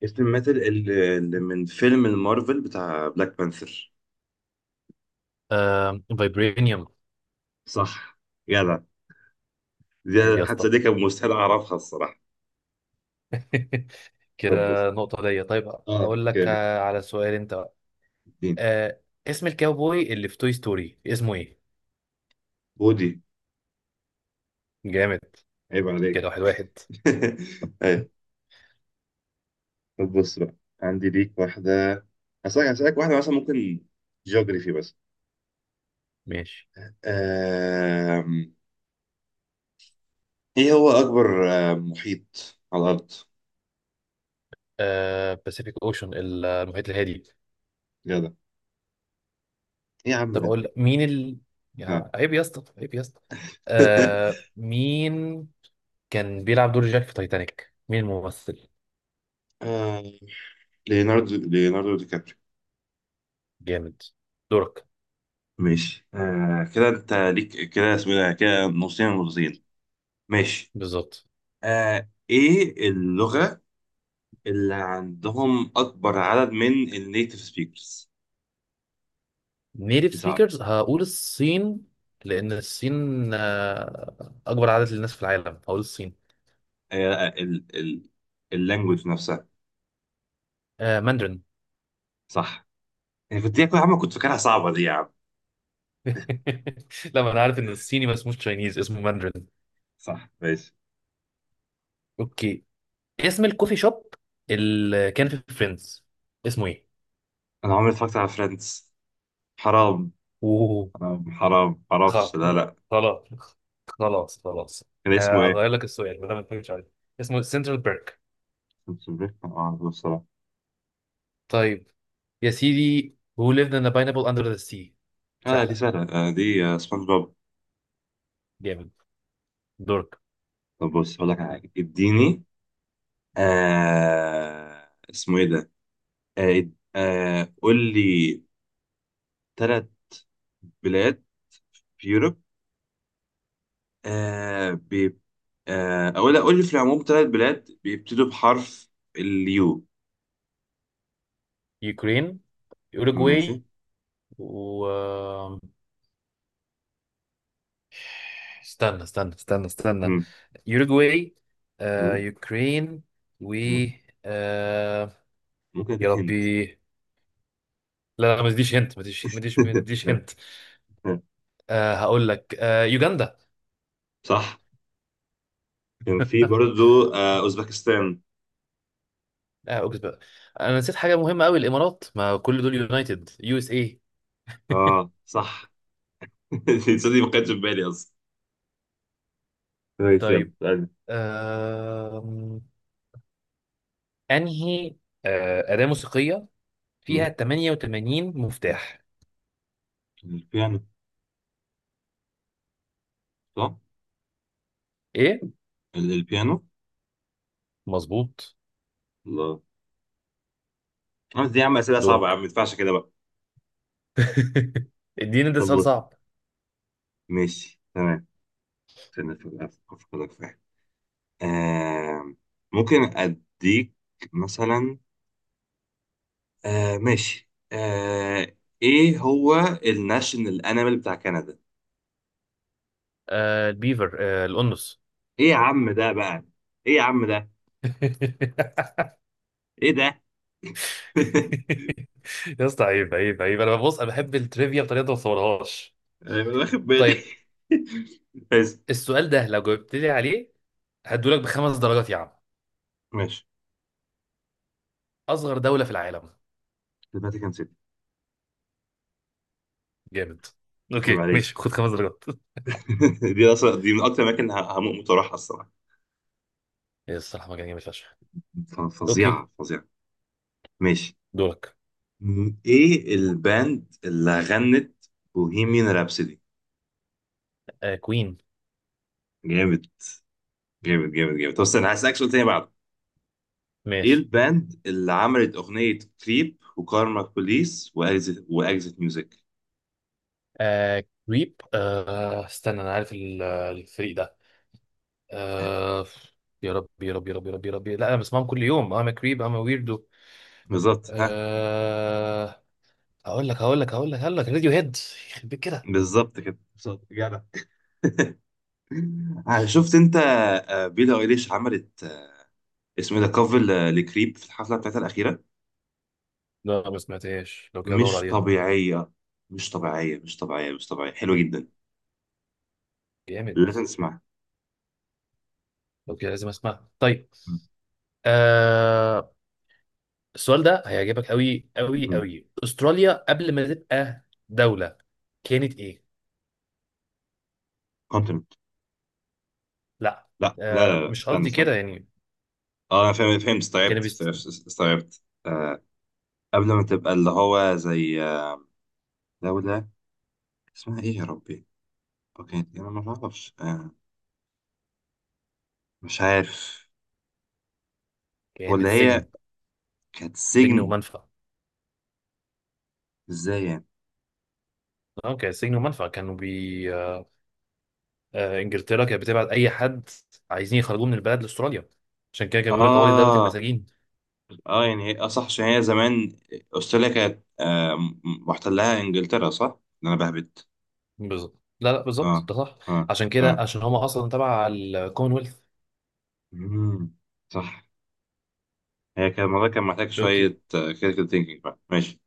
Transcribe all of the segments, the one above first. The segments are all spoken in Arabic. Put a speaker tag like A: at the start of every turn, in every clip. A: كابتن ماتل اللي من فيلم المارفل بتاع بلاك بانثر.
B: آه، فايبرينيوم.
A: صح. جدع.
B: عيب
A: دي.
B: يا
A: حتى
B: اسطى.
A: دي كان مستحيل اعرفها الصراحه. طب بص.
B: كده نقطة ليا، طيب.
A: اه
B: هقول لك،
A: كده.
B: على سؤال انت بقى.
A: الدين.
B: آه اسم الكاوبوي اللي في توي ستوري اسمه ايه؟
A: ودي.
B: جامد.
A: عيب
B: كده
A: عليك.
B: واحد واحد.
A: ايوه. طب بص بقى. عندي ليك واحده. هسألك واحده مثلا ممكن. جيوغرافي بس.
B: ماشي.
A: آم... ايه هو اكبر محيط على الارض؟
B: آه، باسيفيك اوشن، المحيط الهادي.
A: جدع. ايه يا عم
B: طب
A: ده.
B: اقول لك مين ال
A: ها.
B: يا عيب يا اسطى، عيب يا اسطى. مين كان بيلعب دور جاك في تايتانيك؟ مين الممثل؟
A: آه، ليوناردو دي كابريو.
B: جامد. دورك.
A: ماشي كده انت ليك كده اسمه ايه ده كده نصين ونصين. ماشي.
B: بالظبط.
A: ايه اللغة اللي عندهم اكبر عدد من النيتيف سبيكرز؟
B: نيتيف
A: صعب.
B: سبيكرز، هقول الصين. لان الصين اكبر عدد للناس في العالم، هقول الصين.
A: ال اللانجوج نفسها.
B: آه، ماندرين.
A: صح. انا كنت يا عم كنت فاكرها صعبة دي يا عم.
B: لا، ما انا عارف ان الصيني ما اسموش تشاينيز، اسمه ماندرين.
A: صح ماشي.
B: اوكي. اسم الكوفي شوب اللي كان في فريندز اسمه ايه؟
A: انا عمري ما اتفرجت على فريندز. حرام
B: اوه.
A: حرام حرام معرفش،
B: خلاص،
A: لا لا.
B: خلاص، خلاص، خلاص.
A: كان اسمه ايه؟
B: هغير لك السؤال ما دام ما تفكرش عليه. اسمه سنترال بيرك.
A: ما اعرفش بصراحة.
B: طيب. يا سيدي. who lived in a pineapple under the sea.
A: اه دي
B: سهلة.
A: سهلة، دي سبونج بوب.
B: جامد. دورك.
A: طب بص هقول لك على حاجة اديني. اسمه ايه ده. آه قول لي ثلاث بلاد في يوروب. آه بي آه او لا قول لي في العموم ثلاث بلاد بيبتدوا بحرف اليو.
B: يوكرين،
A: ماشي.
B: اوروجواي، و، استنى، استنى، استنى، استنى،
A: مم.
B: يوروجواي،
A: مم.
B: يوكرين، و،
A: مم.
B: آه،
A: ممكن
B: يا
A: اديك هنت.
B: ربي. لا، لا، ما تديش هنت، ما تديش، ما تديش، ما تديش هنت. هقول لك، يوجندا.
A: صح. كان في برضو اوزبكستان.
B: اه، اوكي بقى. انا نسيت حاجه مهمه قوي، الامارات، ما كل دول يونايتد يو اس اي.
A: اه صح. دي ما كانتش في بالي اصلا. كويس يلا
B: طيب.
A: تعالى.
B: آم، انهي اداه موسيقيه فيها
A: مم.
B: 88 مفتاح؟
A: البيانو. صح.
B: ايه،
A: البيانو.
B: مظبوط.
A: الله. قلت يا عم اسئله صعبه يا عم ما
B: دورك.
A: ينفعش كده بقى.
B: اديني ده
A: طب
B: سؤال
A: بص،
B: صعب.
A: ماشي تمام. استنى افكرك في حاجه. آه ممكن اديك مثلا. ماشي ايه هو الناشونال انيمال بتاع كندا؟
B: آه، البيفر، الأنس.
A: ايه يا عم ده بقى. ايه يا عم ده. ايه ده.
B: يا اسطى عيب، عيب، عيب. انا بحب التريفيا بطريقه ما بصورهاش.
A: انا مش واخد بالي.
B: طيب.
A: بس.
B: السؤال ده، لو جاوبت لي عليه هدولك بخمس درجات يا عم.
A: ماشي.
B: أصغر دولة في العالم.
A: دلوقتي كان سيتي.
B: جامد.
A: عيب
B: اوكي
A: عليك.
B: ماشي، خد خمس درجات.
A: دي اصلا دي من اكتر الاماكن اللي هموت واروحها الصراحه.
B: يا، الصراحة مجال جامد فشخ. اوكي.
A: فظيعه فظيعه. ماشي.
B: دورك.
A: ايه الباند اللي غنت بوهيميان رابسودي؟
B: آه، كوين.
A: جامد جامد جامد جامد. طب استنى هسألك سؤال تاني بعده. ايه
B: ماشي.
A: الباند اللي عملت اغنية كريب وكارما بوليس واكزيت واكزيت ميوزك؟
B: آه، كريب، استنى، انا عارف الفريق ده.
A: ها،
B: آه يا رب، يا رب، يا رب، يا رب، يا رب، لا، انا بسمعهم كل يوم، انا كريب، انا ويردو.
A: بالظبط ها
B: آه هقول لك راديو هيد. يخرب بيت كده.
A: بالظبط كده بالظبط جدع. شفت انت بيلي ايليش عملت اسمه ايه ده كفر لكريب في الحفلة بتاعتها الأخيرة.
B: لا، ما سمعتهاش، لو كده ادور
A: مش
B: عليها.
A: طبيعية مش طبيعية مش طبيعية مش طبيعية حلوة
B: مم.
A: جدا.
B: جامد.
A: لازم تسمعها.
B: لو كده لازم اسمعها. طيب. آه السؤال ده هيعجبك قوي، قوي، قوي. استراليا قبل ما تبقى دولة كانت ايه؟
A: كونتنت.
B: لا.
A: لا لا لا لا،
B: مش
A: استنى
B: قصدي
A: استنى.
B: كده يعني.
A: اه انا فهمت فهمت.
B: كانت
A: استوعبت
B: بيست...
A: استوعبت قبل ما تبقى اللي هو زي دولة اسمها ايه يا ربي؟ اوكي انا ما اعرفش مش عارف.
B: كانت
A: ولا
B: سجن،
A: هي كانت
B: سجن
A: سجن.
B: ومنفى.
A: ازاي يعني؟
B: اه، كانت سجن ومنفى. كانوا بي آه، انجلترا كانت بتبعت اي حد عايزين يخرجوه من البلد لاستراليا. عشان كده كان بيقول لك طوالي، دولة
A: اه
B: المساجين.
A: اه يعني اه صح عشان هي زمان استراليا كانت محتلها انجلترا، صح؟ إن انا بهبت.
B: بالظبط. لا، لا،
A: اه
B: بالظبط ده صح.
A: اه
B: عشان كده،
A: تمام.
B: عشان هم اصلا تبع الكومنولث.
A: مم. صح. هي كان الموضوع كان محتاج
B: اوكي.
A: شوية كريتيكال ثينكينج بقى، ماشي.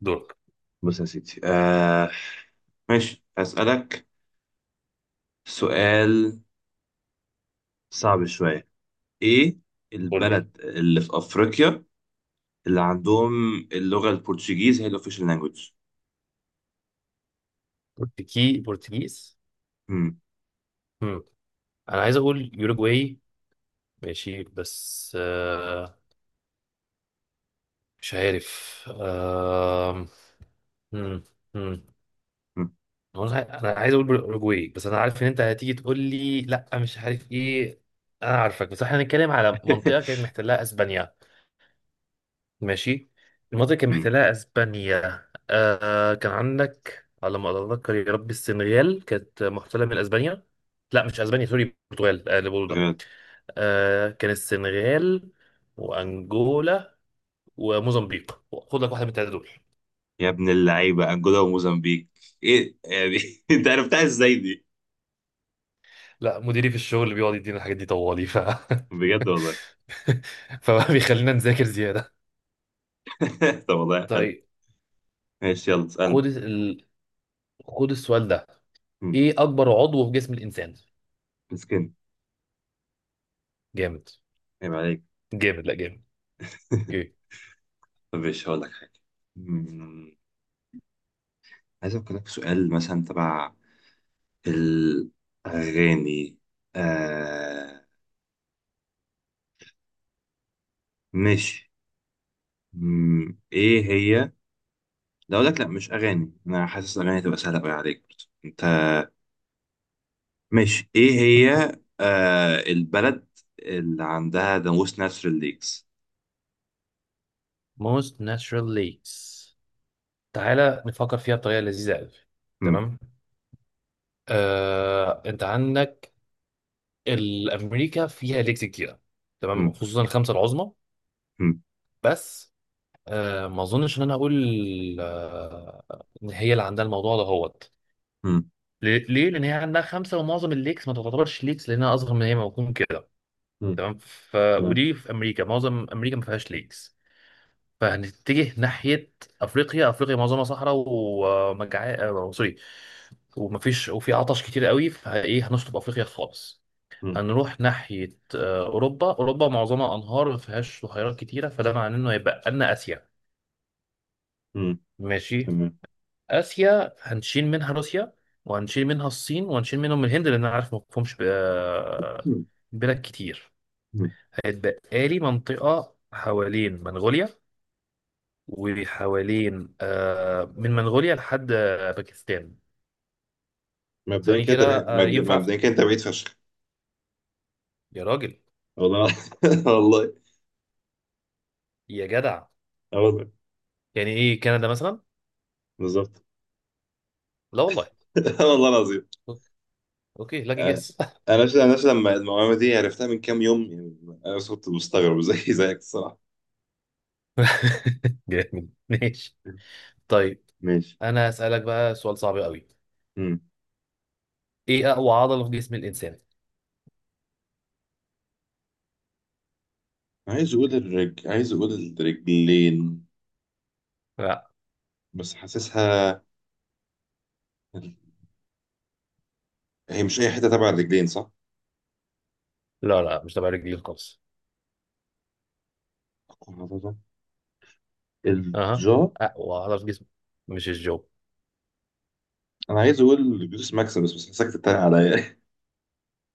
B: دورك.
A: بص يا سيدي ماشي هسألك سؤال صعب شوية. ايه
B: قول لي
A: البلد اللي في افريقيا اللي عندهم اللغة البرتغيز هي الاوفيشال لانجوج؟
B: برتغيز.
A: مم.
B: مم. انا عايز اقول يوروجواي، ماشي، بس مش عارف. مم. مم.
A: مم.
B: أنا عايز اقول بالاوروجواي، بس انا عارف ان انت هتيجي تقول لي لا، مش عارف ايه. انا عارفك، بس احنا هنتكلم على منطقه كانت محتلها اسبانيا. ماشي. المنطقه كانت
A: مم.
B: محتلها اسبانيا، كان عندك على ما اتذكر يا ربي، السنغال كانت محتله من اسبانيا. لا مش اسبانيا، سوري، البرتغال اللي بقوله ده.
A: تخيل.
B: كان السنغال وانجولا وموزمبيق. خد لك واحده من الثلاثه دول.
A: يا ابن اللعيبة انجولا وموزمبيق. ايه يعني، انت عرفتها ازاي دي.
B: لا، مديري في الشغل بيقعد يدينا الحاجات دي طوالي، ف
A: بجد والله.
B: فبقى بيخلينا نذاكر زيادة.
A: طب والله حلو.
B: طيب.
A: ماشي يلا اسألني.
B: خد ال... خد السؤال ده.
A: مم.
B: ايه اكبر عضو في جسم الانسان؟
A: مسكين.
B: جامد.
A: عيب عليك.
B: جامد، لا، جامد. اوكي.
A: طب ماشي هقول لك حاجة. مم. عايز أفكر لك في سؤال مثلا تبع الأغاني. آه ماشي. مم، ايه هي. لا اقول لك، لا مش اغاني، انا حاسس الاغاني هتبقى سهله قوي عليك برضه. انت ماشي ايه هي. البلد اللي عندها ناموس نسر الليكس.
B: most natural lakes. تعالى نفكر فيها بطريقه لذيذه قوي.
A: مم.
B: تمام. انت عندك الامريكا فيها ليكس كتير. تمام،
A: مم.
B: خصوصا الخمسه العظمى.
A: مم.
B: بس ما اظنش ان انا اقول آه، ان هي اللي عندها الموضوع ده هو.
A: مم.
B: ليه؟ ليه؟ لأن هي عندها خمسة ومعظم الليكس ما تعتبرش ليكس لأنها أصغر من هي ما بتكون كده.
A: مم.
B: تمام.
A: تمام.
B: ودي في أمريكا، معظم أمريكا ما فيهاش ليكس. فهنتجه ناحية أفريقيا. أفريقيا معظمها صحراء ومجع آه، سوري، وفي عطش كتير قوي، فإيه هنشطب أفريقيا خالص.
A: مم.
B: هنروح ناحية أوروبا. أوروبا معظمها أنهار، ما فيهاش بحيرات كتيرة، فده معناه إنه هيبقى لنا آسيا.
A: مم.
B: ماشي.
A: تمام.
B: اسيا هنشيل منها روسيا وهنشيل منها الصين وهنشيل منهم الهند، لان انا عارف ما فيهمش
A: مم.
B: بلاد كتير.
A: مم.
B: هيتبقى لي منطقه حوالين منغوليا، وحوالين من منغوليا لحد باكستان. ثواني كده ينفع
A: مبدئيا
B: أفتح؟
A: كده انت بعيد فشخ.
B: يا راجل،
A: والله والله
B: يا جدع،
A: والله.
B: يعني ايه كندا مثلا؟
A: بالظبط.
B: لا والله.
A: والله العظيم.
B: اوكي، أوكي، لاكي
A: آه،
B: جاس.
A: لما المعلومه دي عرفتها من كام يوم يعني انا كنت مستغرب زي زيك الصراحه.
B: جامد. ماشي. طيب.
A: ماشي.
B: انا هسألك بقى سؤال صعب قوي. ايه اقوى عضلة في جسم الانسان؟
A: عايز اقول الرجلين بس حاسسها هي مش اي حته تبع الرجلين، صح.
B: لا، لا، مش تبع رجلين خالص. اها.
A: الجو.
B: اقوى عضله في جسمك مش الجو.
A: انا عايز اقول جلوس ماكسيمس بس حاسسك تتريق عليا.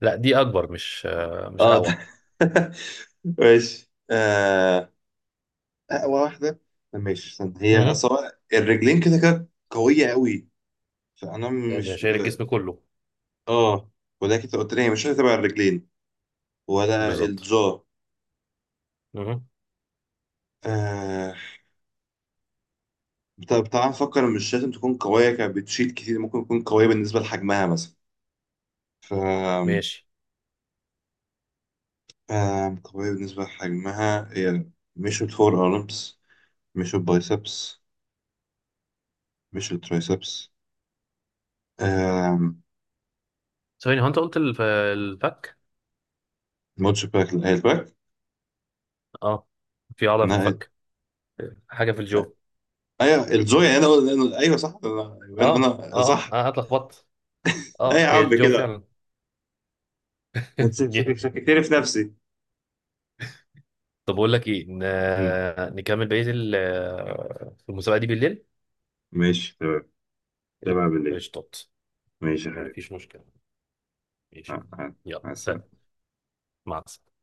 B: لا، دي اكبر، مش مش
A: اه ده.
B: اقوى.
A: ماشي اقوى واحده. ماشي استنى. هي
B: اها.
A: اصلا الرجلين كده كده قويه قوي. فانا
B: اللي
A: مش
B: شايل الجسم كله.
A: اه، ولكن انت قلت لي هي مش هتبقى الرجلين ولا
B: بالظبط.
A: الجو.
B: اها.
A: آه. طب تعال نفكر إن مش لازم تكون قوية كانت بتشيل كتير، ممكن تكون قوية بالنسبة لحجمها مثلا. ف
B: ماشي.
A: قوية بالنسبة لحجمها هي. مش الفور أرمز. مش البايسبس. مش الترايسبس. آم،
B: ثواني، هو انت قلت الفك.
A: ماتش باك، لا، هي الباك.
B: اه، في عضله في
A: لا،
B: الفك، حاجه في الجو.
A: ايوه الزوية، ايوه صح انا يبقى
B: اه،
A: انا
B: اه، اه،
A: صح.
B: انا اتلخبطت.
A: اي يا
B: اه، هي
A: عم
B: الجو
A: كده.
B: فعلا.
A: أنت
B: جامد.
A: شككتني في نفسي.
B: طب اقول لك ايه،
A: مم.
B: نكمل بقيه المسابقه دي بالليل.
A: ماشي تمام تمام بالليل.
B: قشطات.
A: ماشي يا حبيبي.
B: مفيش مشكله. ماشي.
A: مع مع-
B: يلا
A: مع
B: سلام.
A: السلامة.
B: مع السلامه.